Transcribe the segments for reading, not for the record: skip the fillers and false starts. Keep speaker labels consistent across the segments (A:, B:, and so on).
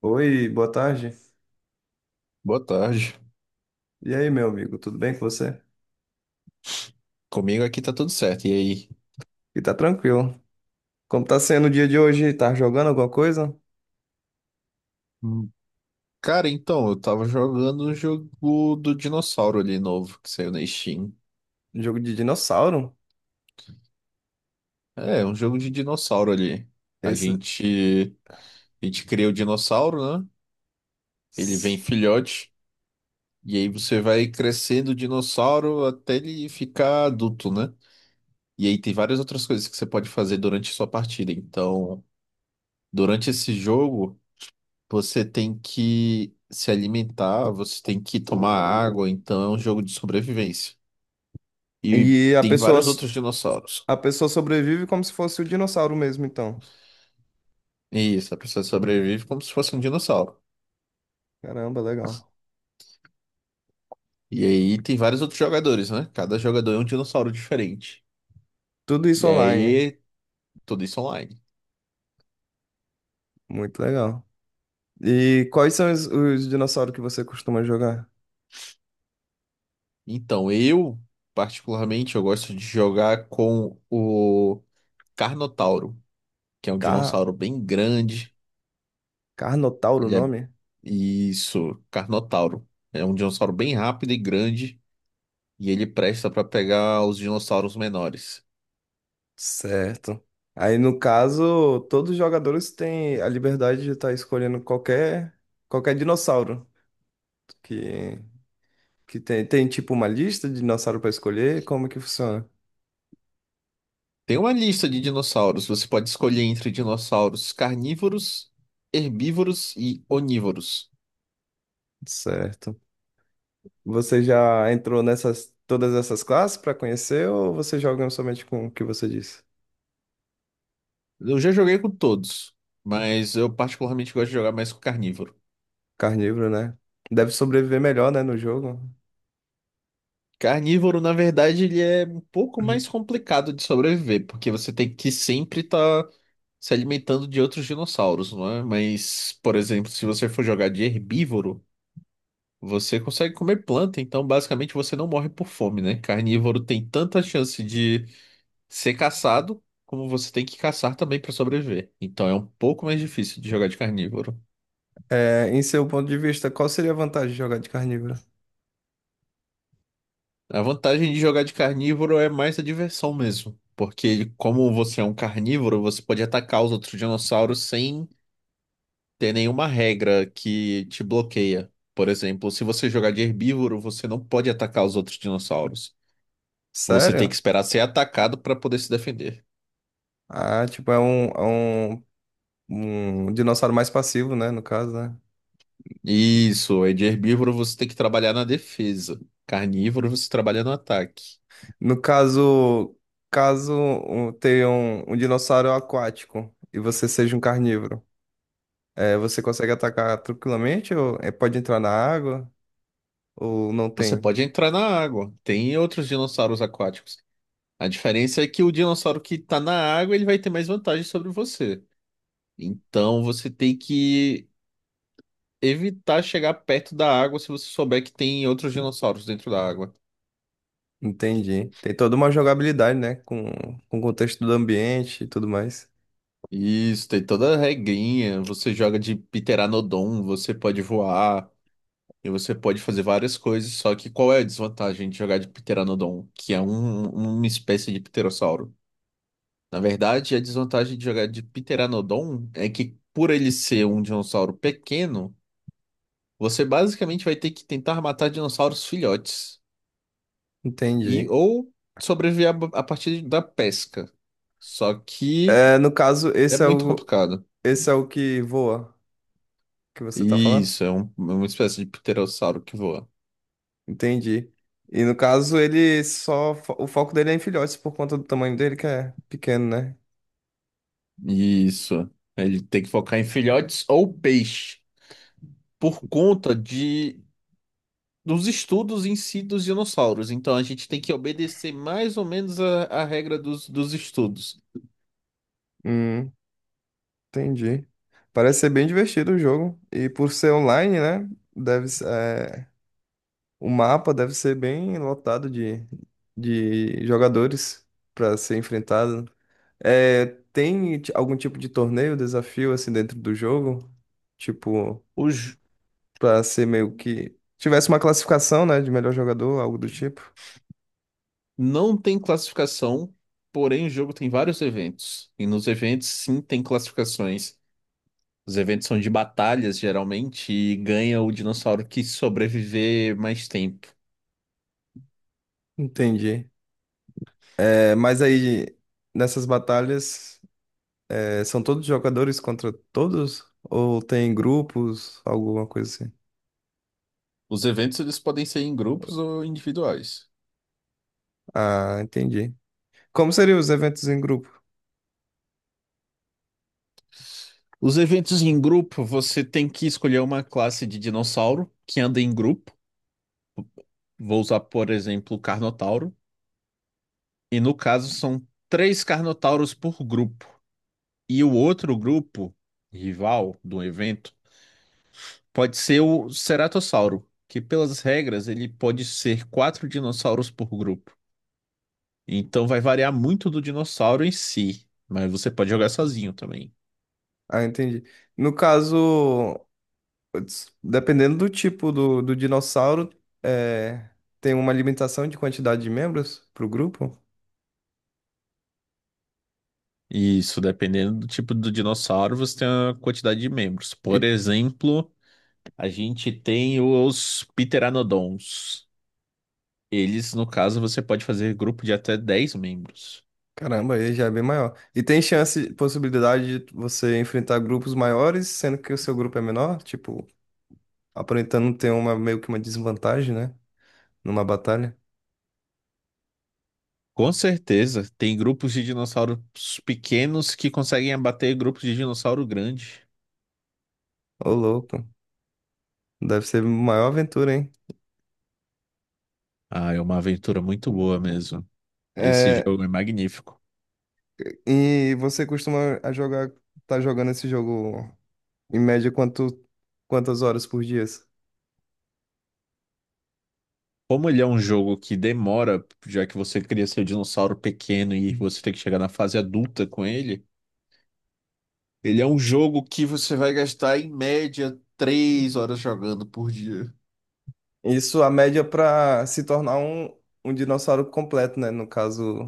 A: Oi, boa tarde.
B: Boa tarde.
A: E aí, meu amigo, tudo bem com você?
B: Comigo aqui tá tudo certo. E aí?
A: E tá tranquilo. Como tá sendo o dia de hoje? Tá jogando alguma coisa?
B: Hum. Cara, então, eu tava jogando um jogo do dinossauro ali novo, que saiu na Steam.
A: Jogo de dinossauro?
B: É, um jogo de dinossauro ali. A
A: Esse...
B: gente, a gente cria o dinossauro, né? Ele vem filhote. E aí você vai crescendo o dinossauro até ele ficar adulto, né? E aí tem várias outras coisas que você pode fazer durante a sua partida. Então, durante esse jogo. Você tem que se alimentar, você tem que tomar água, então é um jogo de sobrevivência. E
A: E
B: tem vários outros dinossauros.
A: a pessoa sobrevive como se fosse o dinossauro mesmo, então.
B: Isso, a pessoa sobrevive como se fosse um dinossauro.
A: Caramba, legal.
B: E aí tem vários outros jogadores, né? Cada jogador é um dinossauro diferente.
A: Tudo isso
B: E
A: online.
B: aí, tudo isso online.
A: Muito legal. E quais são os dinossauros que você costuma jogar?
B: Então, eu, particularmente, eu gosto de jogar com o Carnotauro, que é um
A: Car...
B: dinossauro bem grande.
A: Carnotauro o
B: Ele é...
A: nome?
B: Isso, Carnotauro. É um dinossauro bem rápido e grande. E ele presta para pegar os dinossauros menores.
A: Certo. Aí, no caso, todos os jogadores têm a liberdade de estar escolhendo qualquer dinossauro que, que tem. Tem, tipo, uma lista de dinossauro para escolher? Como que funciona?
B: Tem uma lista de dinossauros. Você pode escolher entre dinossauros carnívoros, herbívoros e onívoros.
A: Certo. Você já entrou nessas, todas essas classes para conhecer ou você joga somente com o que você disse?
B: Eu já joguei com todos, mas eu particularmente gosto de jogar mais com carnívoro.
A: Carnívoro, né? Deve sobreviver melhor, né, no jogo.
B: Carnívoro, na verdade, ele é um pouco
A: Uhum.
B: mais complicado de sobreviver, porque você tem que sempre estar se alimentando de outros dinossauros, não é? Mas, por exemplo, se você for jogar de herbívoro, você consegue comer planta, então basicamente você não morre por fome, né? Carnívoro tem tanta chance de ser caçado, como você tem que caçar também para sobreviver. Então é um pouco mais difícil de jogar de carnívoro.
A: É, em seu ponto de vista, qual seria a vantagem de jogar de carnívoro?
B: A vantagem de jogar de carnívoro é mais a diversão mesmo, porque como você é um carnívoro, você pode atacar os outros dinossauros sem ter nenhuma regra que te bloqueia. Por exemplo, se você jogar de herbívoro, você não pode atacar os outros dinossauros. Você tem que
A: Sério?
B: esperar ser atacado para poder se defender.
A: Ah, tipo, é um um dinossauro mais passivo, né? No caso, né?
B: Isso, é de herbívoro você tem que trabalhar na defesa. Carnívoro você trabalha no ataque.
A: No caso, tenha um, um dinossauro aquático e você seja um carnívoro, é, você consegue atacar tranquilamente ou é, pode entrar na água ou não
B: Você
A: tem?
B: pode entrar na água. Tem outros dinossauros aquáticos. A diferença é que o dinossauro que tá na água, ele vai ter mais vantagem sobre você. Então você tem que evitar chegar perto da água se você souber que tem outros dinossauros dentro da água.
A: Entendi. Tem toda uma jogabilidade, né? Com o contexto do ambiente e tudo mais.
B: Isso, tem toda a regrinha. Você joga de Pteranodon, você pode voar. E você pode fazer várias coisas, só que qual é a desvantagem de jogar de Pteranodon, que é uma espécie de pterossauro? Na verdade, a desvantagem de jogar de Pteranodon é que, por ele ser um dinossauro pequeno, você basicamente vai ter que tentar matar dinossauros filhotes e
A: Entendi.
B: ou sobreviver a partir da pesca. Só que
A: É, no caso,
B: é muito complicado.
A: esse é o que voa que você tá falando?
B: Isso, é, é uma espécie de pterossauro que voa.
A: Entendi. E no caso, O foco dele é em filhotes por conta do tamanho dele, que é pequeno, né?
B: Isso. Ele tem que focar em filhotes ou peixe por conta de dos estudos em si dos dinossauros. Então a gente tem que obedecer mais ou menos a regra dos estudos.
A: Hum, entendi. Parece ser bem divertido o jogo. E por ser online, né? Deve, o mapa deve ser bem lotado de jogadores para ser enfrentado. É, tem algum tipo de torneio, desafio assim dentro do jogo? Tipo,
B: Os,
A: para ser meio que. Tivesse uma classificação, né? De melhor jogador, algo do tipo.
B: não tem classificação, porém o jogo tem vários eventos. E nos eventos sim tem classificações. Os eventos são de batalhas, geralmente, e ganha o dinossauro que sobreviver mais tempo.
A: Entendi. É, mas aí, nessas batalhas, é, são todos jogadores contra todos? Ou tem grupos, alguma coisa assim?
B: Os eventos eles podem ser em grupos ou individuais.
A: Ah, entendi. Como seriam os eventos em grupo?
B: Os eventos em grupo, você tem que escolher uma classe de dinossauro que anda em grupo. Vou usar, por exemplo, o Carnotauro. E no caso, são 3 Carnotauros por grupo. E o outro grupo, rival do evento, pode ser o Ceratossauro, que pelas regras ele pode ser 4 dinossauros por grupo. Então vai variar muito do dinossauro em si, mas você pode jogar sozinho também.
A: Ah, entendi. No caso, putz, dependendo do tipo do dinossauro, é, tem uma limitação de quantidade de membros para o grupo?
B: Isso, dependendo do tipo do dinossauro, você tem uma quantidade de membros. Por
A: E,
B: exemplo, a gente tem os Pteranodons. Eles, no caso, você pode fazer grupo de até 10 membros.
A: caramba, aí já é bem maior. E tem chance, possibilidade de você enfrentar grupos maiores, sendo que o seu grupo é menor? Tipo, aparentando ter uma meio que uma desvantagem, né? Numa batalha?
B: Com certeza, tem grupos de dinossauros pequenos que conseguem abater grupos de dinossauro grande.
A: Ô, louco. Deve ser a maior aventura, hein?
B: Ah, é uma aventura muito boa mesmo. Esse
A: É,
B: jogo é magnífico.
A: e você costuma a jogar, tá jogando esse jogo em média quanto, quantas horas por dia?
B: Como ele é um jogo que demora, já que você cria seu dinossauro pequeno e você tem que chegar na fase adulta com ele, ele é um jogo que você vai gastar em média 3 horas jogando por dia.
A: Isso, a média para se tornar um dinossauro completo, né? No caso,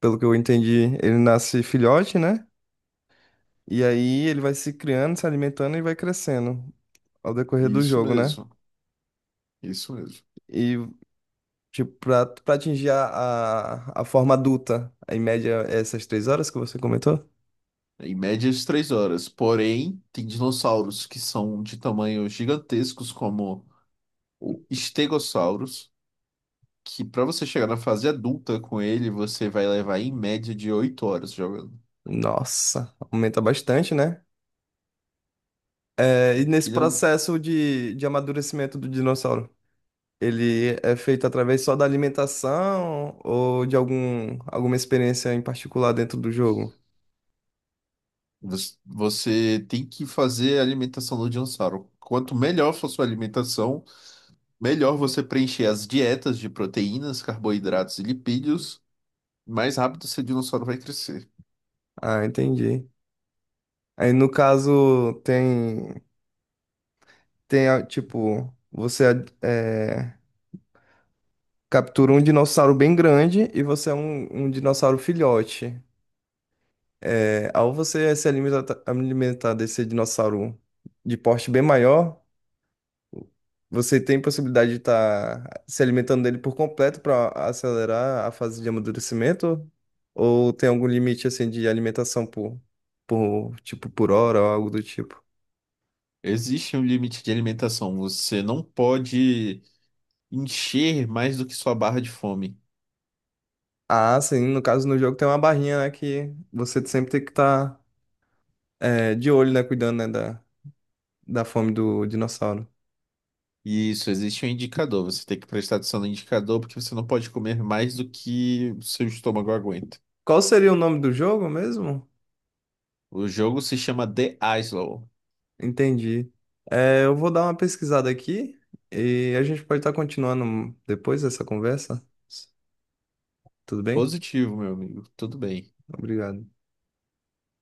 A: pelo que eu entendi, ele nasce filhote, né? E aí ele vai se criando, se alimentando e vai crescendo ao decorrer do
B: Isso
A: jogo, né?
B: mesmo, isso mesmo.
A: E tipo, pra atingir a forma adulta, em média, essas 3 horas que você comentou?
B: Em média de 3 horas. Porém, tem dinossauros que são de tamanhos gigantescos, como o Stegosaurus, que para você chegar na fase adulta com ele, você vai levar em média de 8 horas jogando.
A: Nossa, aumenta bastante, né? É,
B: É
A: e
B: porque
A: nesse
B: ele é um...
A: processo de amadurecimento do dinossauro, ele é feito através só da alimentação ou de algum, alguma experiência em particular dentro do jogo?
B: Você tem que fazer a alimentação do dinossauro. Quanto melhor for sua alimentação, melhor você preencher as dietas de proteínas, carboidratos e lipídios, mais rápido seu dinossauro vai crescer.
A: Ah, entendi. Aí no caso, tem, tem ah, tipo, você é, captura um dinossauro bem grande e você é um dinossauro filhote. É, ao você se alimenta- alimentar desse dinossauro de porte bem maior, você tem possibilidade de estar se alimentando dele por completo para acelerar a fase de amadurecimento? Ou tem algum limite assim de alimentação por tipo por hora ou algo do tipo?
B: Existe um limite de alimentação. Você não pode encher mais do que sua barra de fome.
A: Ah, sim, no caso no jogo tem uma barrinha, né, que você sempre tem que estar de olho, né, cuidando, né, da, da fome do dinossauro.
B: Isso, existe um indicador. Você tem que prestar atenção no indicador porque você não pode comer mais do que o seu estômago aguenta.
A: Qual seria o nome do jogo mesmo?
B: O jogo se chama The Islo.
A: Entendi. É, eu vou dar uma pesquisada aqui e a gente pode estar continuando depois dessa conversa. Tudo bem?
B: Positivo, meu amigo. Tudo bem.
A: Obrigado.